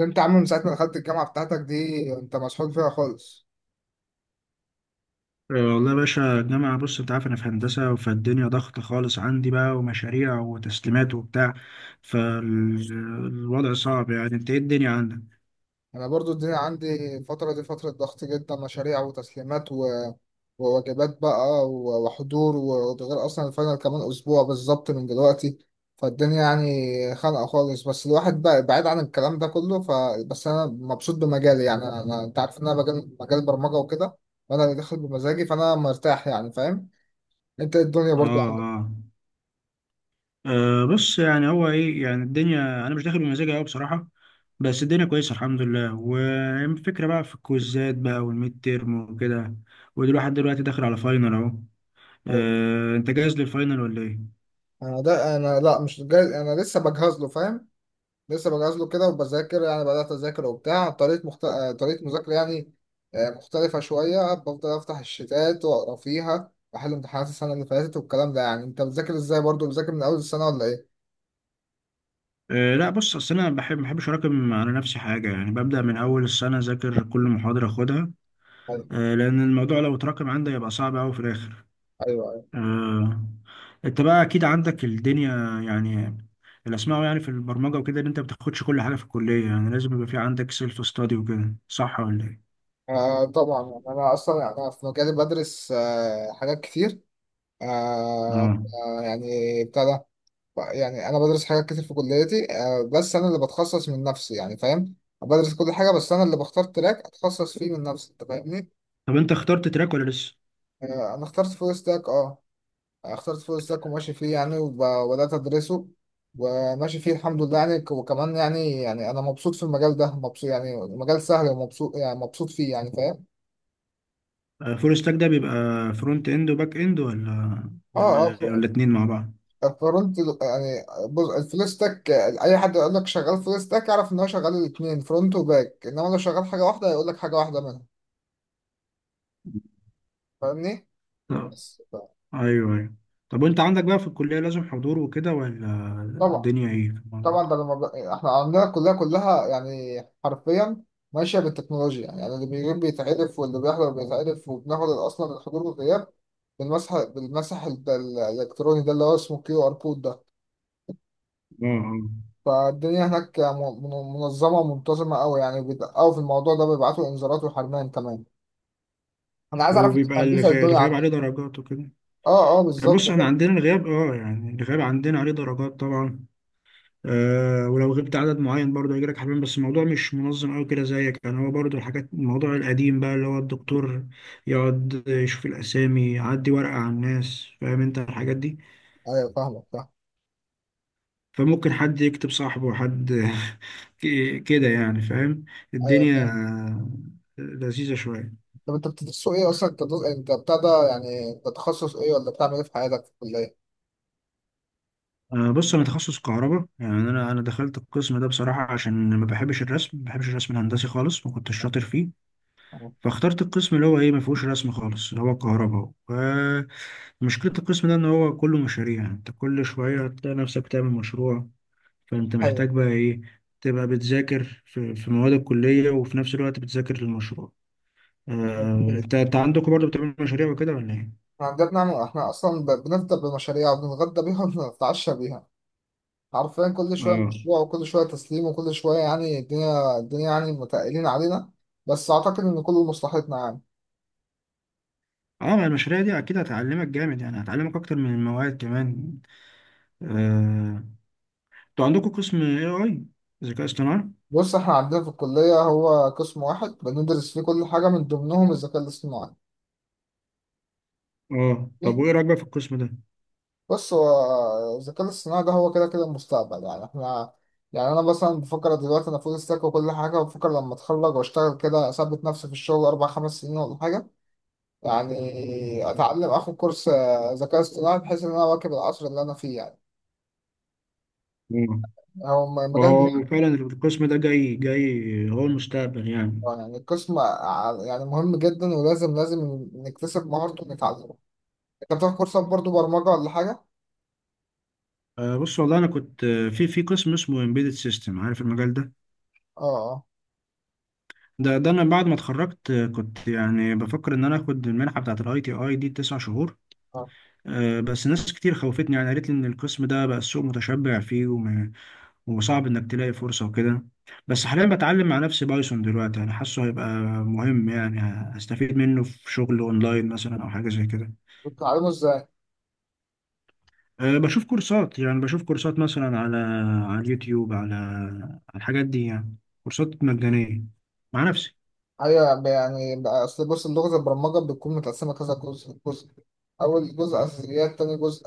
انت يا عم من ساعة ما دخلت الجامعة بتاعتك دي انت مسحول فيها خالص. والله يا باشا الجامعة، بص انت عارف انا في هندسة، فالدنيا ضغط خالص عندي بقى ومشاريع وتسليمات وبتاع. فالوضع صعب، يعني انت ايه الدنيا عندك؟ انا برضو الدنيا عندي الفترة دي فترة ضغط جدا، مشاريع وتسليمات وواجبات بقى وحضور وده غير اصلا الفاينل كمان اسبوع بالظبط من دلوقتي. فالدنيا يعني خانقة خالص، بس الواحد بقى بعيد عن الكلام ده كله بس انا مبسوط بمجالي يعني انت عارف ان انا مجال برمجة وكده، وانا اللي داخل بمزاجي فانا مرتاح يعني فاهم. انت إيه الدنيا اه برضو عندك؟ اه. بص يعني هو ايه، يعني الدنيا انا مش داخل بمزاجي قوي بصراحة، بس الدنيا كويسة الحمد لله. والفكرة بقى في الكويزات بقى والميد تيرم وكده، ودلوقتي لحد دلوقتي داخل على فاينل اهو. ايوه. انت جاهز للفاينل ولا ايه؟ انا لا مش جاي، انا لسه بجهز له فاهم. لسه بجهز له كده وبذاكر، يعني بدأت أذاكر وبتاع طريقة مخت... آه، طريقة مذاكرة يعني مختلفة شوية. بفضل أفتح الشتات وأقرأ فيها وأحل امتحانات السنة اللي فاتت والكلام ده. يعني أنت بتذاكر إزاي، برضو بتذاكر من أول السنة ولا إيه؟ أه لا بص، اصل انا بحب ما بحبش اراكم على نفسي حاجه، يعني ببدا من اول السنه اذاكر كل محاضره اخدها. أيوه، أه لان الموضوع لو اتراكم عندي يبقى صعب قوي في الاخر. أيوه، أيوه. أه. انت بقى اكيد عندك الدنيا يعني، اللي اسمعه يعني في البرمجه وكده ان انت ما بتاخدش كل حاجه في الكليه، يعني لازم يبقى في عندك سيلف ستادي وكده، صح ولا ايه؟ آه طبعا، يعني أنا أصلا يعني أنا في مجالي بدرس حاجات كتير. آه، اه، آه، يعني بتاع ده. يعني أنا بدرس حاجات كتير في كليتي، بس أنا اللي بتخصص من نفسي يعني فاهم؟ بدرس كل حاجة بس أنا اللي بختار تراك أتخصص فيه من نفسي، أنت فاهمني؟ طب انت اخترت تراك ولا لسه؟ آه، انا اخترت فول ستاك، اه. اخترت فول ستاك وماشي فيه يعني، وبدات ادرسه وماشي فيه الحمد لله يعني. وكمان يعني انا مبسوط في المجال ده، مبسوط، يعني مجال سهل ومبسوط، يعني مبسوط فيه يعني فاهم. أه، فول ستاك ده بيبقى فرونت اند وباك اند، ولا اه، اه، ولا ولا اتنين مع فرونت يعني. بص الفول ستاك اي حد يقول لك شغال فول ستاك اعرف ان هو شغال الاثنين فرونت وباك، انما لو شغال حاجه واحده هيقول لك حاجه واحده منهم فاهمني. بعض؟ بس ايوه ايوه. طب وانت عندك بقى في الكلية لازم حضور وكده ولا؟ طبعا، الدنيا ايه في الموضوع طبعا. ده؟ احنا عندنا كلها يعني حرفيا ماشيه بالتكنولوجيا، يعني اللي بيغيب بيتعرف واللي بيحضر بيتعرف، وبناخد اصلا الحضور والغياب بالمسح الالكتروني ده اللي هو اسمه QR code ده. اه اه. فالدنيا هناك منظمه ومنتظمه قوي، يعني بيدققوا في الموضوع ده، بيبعتوا انذارات وحرمان كمان. انا عايز اعرف انت وبيبقى هندسه الدنيا الغياب عندك. عليه درجات وكده؟ اه اه يعني بالظبط بص احنا ده. عندنا الغياب، اه يعني الغياب عندنا عليه درجات طبعا. آه، ولو غبت عدد معين برضه هيجيلك لك حبيبين، بس الموضوع مش منظم قوي كده زيك، يعني هو برضه الحاجات الموضوع القديم بقى اللي هو الدكتور يقعد يشوف الاسامي، يعدي ورقة على الناس، فاهم انت الحاجات دي؟ ايوه فاهمك فاهم. فممكن حد يكتب صاحبه حد كده يعني، فاهم؟ ايوه الدنيا فاهم. لذيذة شوية. طب انت بتدرسوا ايه اصلا، انت انت بتاع ده يعني انت تخصص ايه ولا بتعمل ايه في حياتك في الكليه؟ بص انا تخصص كهرباء، يعني انا دخلت القسم ده بصراحة عشان ما بحبش الرسم، ما بحبش الرسم الهندسي خالص، ما كنتش شاطر فيه. فاخترت القسم اللي هو ايه، ما فيهوش رسم خالص اللي هو كهرباء. مشكلة القسم ده ان هو كله مشاريع، يعني انت كل شوية هتلاقي نفسك تعمل مشروع. فانت هي. محتاج بقى ايه، تبقى بتذاكر في مواد الكلية وفي نفس الوقت بتذاكر للمشروع. هي. انت عندكم برضه بتعملوا مشاريع وكده ولا ايه؟ احنا عندنا بنعمل، احنا اصلا بنفطر بمشاريع وبنتغدى بيها وبنتعشى بيها، حرفيا كل شويه اه مشروع وكل شويه تسليم وكل شويه، يعني الدنيا يعني متقلين علينا. بس اعتقد ان كله مصلحتنا يعني. اه، ما المشاريع دي اكيد هتعلمك جامد، يعني هتعلمك اكتر من المواد كمان. آه، انتوا عندكم قسم اي اي، ذكاء اصطناعي. بص احنا عندنا في الكليه هو قسم واحد بندرس فيه كل حاجه، من ضمنهم الذكاء الاصطناعي. اه، طب ليه؟ وايه رايك بقى في القسم ده؟ بص هو الذكاء الاصطناعي ده هو كده كده المستقبل، يعني احنا، يعني انا مثلا بفكر دلوقتي انا فول ستاك وكل حاجه، وبفكر لما اتخرج واشتغل كده، اثبت نفسي في الشغل 4 5 سنين ولا حاجه، يعني اتعلم اخد كورس ذكاء اصطناعي بحيث ان انا اواكب العصر اللي انا فيه يعني. آه. هو مجال وهو مهم. فعلا القسم ده جاي هو المستقبل يعني. آه، يعني القسم يعني مهم جدا، ولازم نكتسب مهارته ونتعلمه. انت بتاخد كورسات برضو برمجة ولا حاجة؟ بص والله انا كنت، في قسم اسمه embedded system، عارف المجال ده؟ اه، اه، ده انا بعد ما اتخرجت، كنت يعني بفكر ان انا اخد المنحه بتاعه الاي تي اي دي 9 شهور. اه. بس ناس كتير خوفتني، يعني قالت لي ان القسم ده بقى السوق متشبع فيه، وصعب انك تلاقي فرصة وكده. بس حاليا بتعلم مع نفسي بايثون دلوقتي، يعني حاسه هيبقى مهم يعني، هستفيد منه في شغل اونلاين مثلا او حاجة زي كده. بتتعلمه ازاي؟ أه، بشوف كورسات، يعني بشوف كورسات مثلا على اليوتيوب، على الحاجات دي يعني، كورسات مجانية مع نفسي. ايوه، اصل بص اللغه البرمجه بتكون متقسمه كذا جزء. جزء اول جزء اساسيات، تاني جزء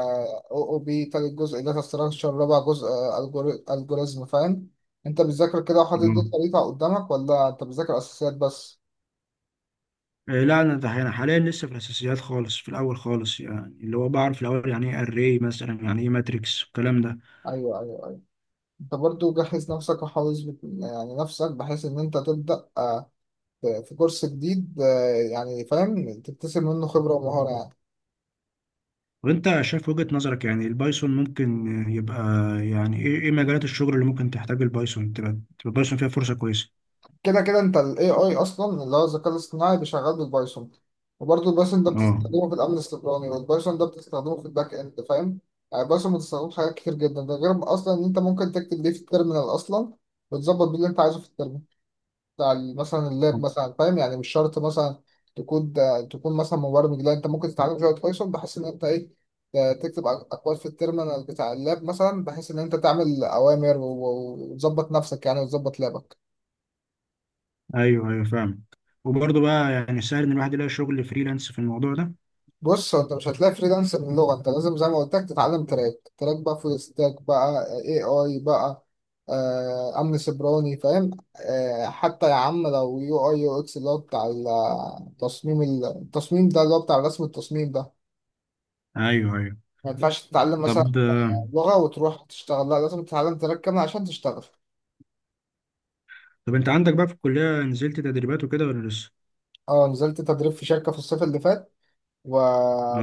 OOP، تالت جزء داتا ستراكشر، رابع جزء الجوريزم فاهم. انت بتذاكر كده وحاطط دي اه. الطريقه قدامك، ولا انت بتذاكر اساسيات بس؟ لا انا ده انا حاليا لسه في الاساسيات خالص، في الاول خالص، يعني اللي هو بعرف الاول يعني ايه اري مثلا، يعني ايه ماتريكس والكلام ده. ايوه، ايوه، ايوه. انت برضو جهز نفسك وحافظ يعني نفسك بحيث ان انت تبدا في في كورس جديد يعني فاهم، تكتسب منه خبره ومهاره يعني. وانت شايف وجهة نظرك يعني البايثون ممكن يبقى، يعني ايه ايه مجالات الشغل اللي ممكن تحتاج البايثون، تبقى البايثون فيها فرصة كويسة؟ كده كده انت ال AI اصلا اللي هو الذكاء الاصطناعي بيشغل بالبايثون، وبرضه البايثون ده اه، بتستخدمه في الامن السيبراني، والبايثون ده بتستخدمه في الباك اند فاهم. يعني البايثون بتستخدمه في حاجات كتير جدا، ده غير اصلا ان انت ممكن تكتب بيه في التيرمينال اصلا، وتظبط بيه اللي انت عايزه في التيرمينال بتاع مثلا اللاب مثلا فاهم. يعني مش شرط مثلا تكون، تكون مثلا مبرمج، لا انت ممكن تتعلم شويه بايثون بحيث ان انت ايه، تكتب اكواد في التيرمينال بتاع اللاب مثلا، بحيث ان انت تعمل اوامر وتظبط نفسك يعني وتظبط لابك. ايوه ايوه فاهم. وبرضه بقى يعني سهل ان الواحد يلاقي شغل فريلانس في الموضوع ده؟ بص هو انت مش هتلاقي فريلانس باللغه، انت لازم زي ما قلت لك تتعلم تراك، تراك بقى فول ستاك، بقى اي اي، بقى امن سيبراني فاهم. آه، حتى يا عم لو UI UX اللي هو بتاع التصميم، التصميم ده اللي هو بتاع رسم التصميم ده، ايوه ايوه. ما ينفعش تتعلم مثلا طب لغه وتروح تشتغل، لا لازم تتعلم تراك كامل عشان تشتغل. طب انت عندك بقى في الكلية نزلت تدريبات وكده ولا لسه؟ اه نزلت تدريب في شركه في الصيف اللي فات و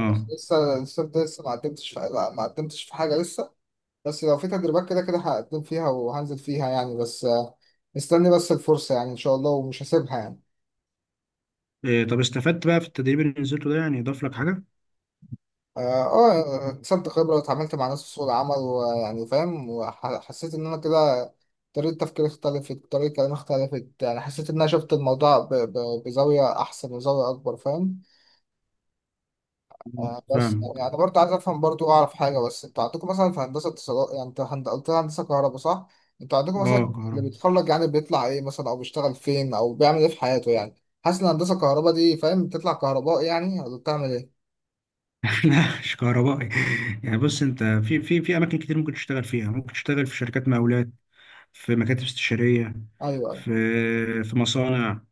بس لسه لسه لسه ما قدمتش في... لا، ما قدمتش في حاجه لسه، بس لو في تدريبات كده كده هقدم فيها وهنزل فيها يعني، بس مستني بس الفرصة يعني إن شاء الله ومش هسيبها يعني. إيه، طب استفدت بقى في التدريب اللي نزلته ده، يعني اضاف لك حاجة؟ آه، اكتسبت خبرة واتعاملت مع ناس في سوق العمل، ويعني فاهم، وحسيت إن أنا كده طريقة تفكيري اختلفت، طريقة كلامي اختلفت، يعني حسيت إن أنا شفت الموضوع بزاوية أحسن وزاوية أكبر فاهم. آه. آه بس فاهمك. يعني برضه عايز افهم، برضه اعرف حاجه، بس انتوا عندكم مثلا في هندسه اتصالات يعني، انت قلت لي هندسه كهرباء صح؟ انتوا عندكم مثلا اه، اللي كهرباء. بيتخرج يعني بيطلع ايه مثلا، او بيشتغل فين، او بيعمل ايه في حياته يعني؟ حاسس ان هندسه كهرباء دي فاهم بتطلع كهرباء يعني، ولا بتعمل ايه؟ لا مش كهربائي، يعني بص انت في في اماكن كتير ممكن تشتغل فيها، ممكن تشتغل في شركات مقاولات، في مكاتب استشارية، ايوه، ايوه. في مصانع.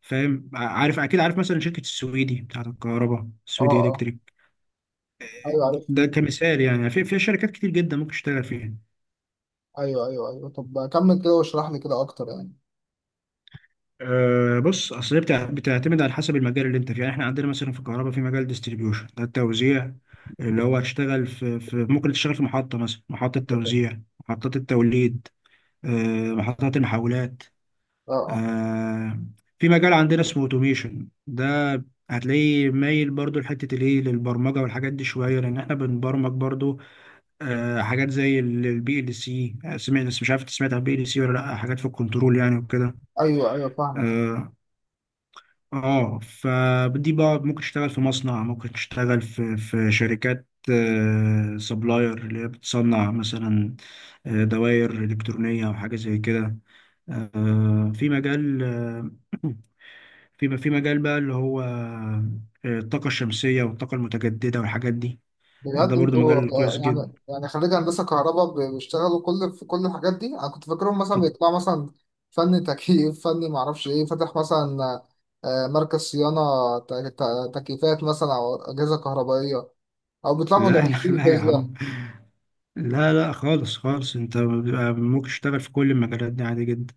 فاهم؟ عارف أكيد، عارف مثلا شركة السويدي بتاعت الكهرباء، اه، السويدي اه. إلكتريك، ايوه عارف. ده كمثال يعني، في شركات كتير جدا ممكن تشتغل فيها. ايوه، ايوه، ايوه. طب كمل كده واشرح لي كده اكتر يعني. أه بص أصل هي بتعتمد على حسب المجال اللي أنت فيه، يعني إحنا عندنا مثلا في الكهرباء في مجال ديستريبيوشن ده التوزيع، اللي هو هتشتغل في, في ممكن تشتغل في محطة مثلا، محطة توزيع، محطات التوليد، أه محطات المحولات. اه، اه. آه، في مجال عندنا اسمه اوتوميشن ده، هتلاقيه مايل برضو لحتة الايه للبرمجة والحاجات دي شوية، لأن احنا بنبرمج برضو. آه، حاجات زي البي ال سي، سمعت مش عارف انت سمعت عن البي ال سي ولا لأ؟ حاجات في الكنترول يعني وكده. ايوه، ايوه، فاهمك. اه. فدي بقى ممكن تشتغل في مصنع، ممكن تشتغل في شركات آه سبلاير، اللي هي بتصنع مثلا دوائر إلكترونية أو حاجة زي كده. آه في مجال آه، في مجال بقى اللي هو، الطاقة الشمسية والطاقة المتجددة والحاجات دي، ده بجد برضو انتوا مجال كويس جدا. يعني، يعني خريج هندسة كهرباء بيشتغلوا كل في كل الحاجات دي، انا كنت فاكرهم مثلا في الط- بيطلعوا مثلا فني تكييف، فني معرفش ايه، فاتح مثلا مركز صيانة تكييفات مثلا او اجهزة كهربائية، او لا بيطلعوا لا مدرسين لا يا فيزياء. عم، لا لا خالص خالص، انت بيبقى ممكن تشتغل في كل المجالات دي عادي جدا.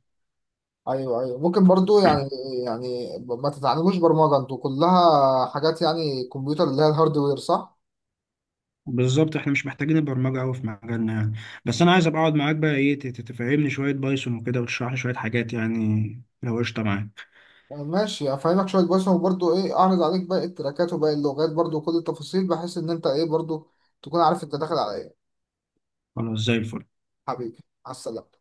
ايوه، ايوه، ممكن برضو يعني. يعني ما تتعلموش برمجة؟ انتوا كلها حاجات يعني كمبيوتر اللي هي الهاردوير صح؟ بالظبط، احنا مش محتاجين البرمجة قوي في مجالنا يعني. بس انا عايز ابقى اقعد معاك بقى ايه، تفهمني شوية بايثون وكده، وتشرح لي شوية حاجات يعني لو قشطة معاك. آه، ماشي افهمك شويه بس، وبرضه ايه اعرض عليك باقي التراكات وباقي اللغات برضه وكل التفاصيل، بحيث ان انت ايه برضه تكون عارف انت داخل على ايه. خلاص زي الفل. حبيبي على السلامه.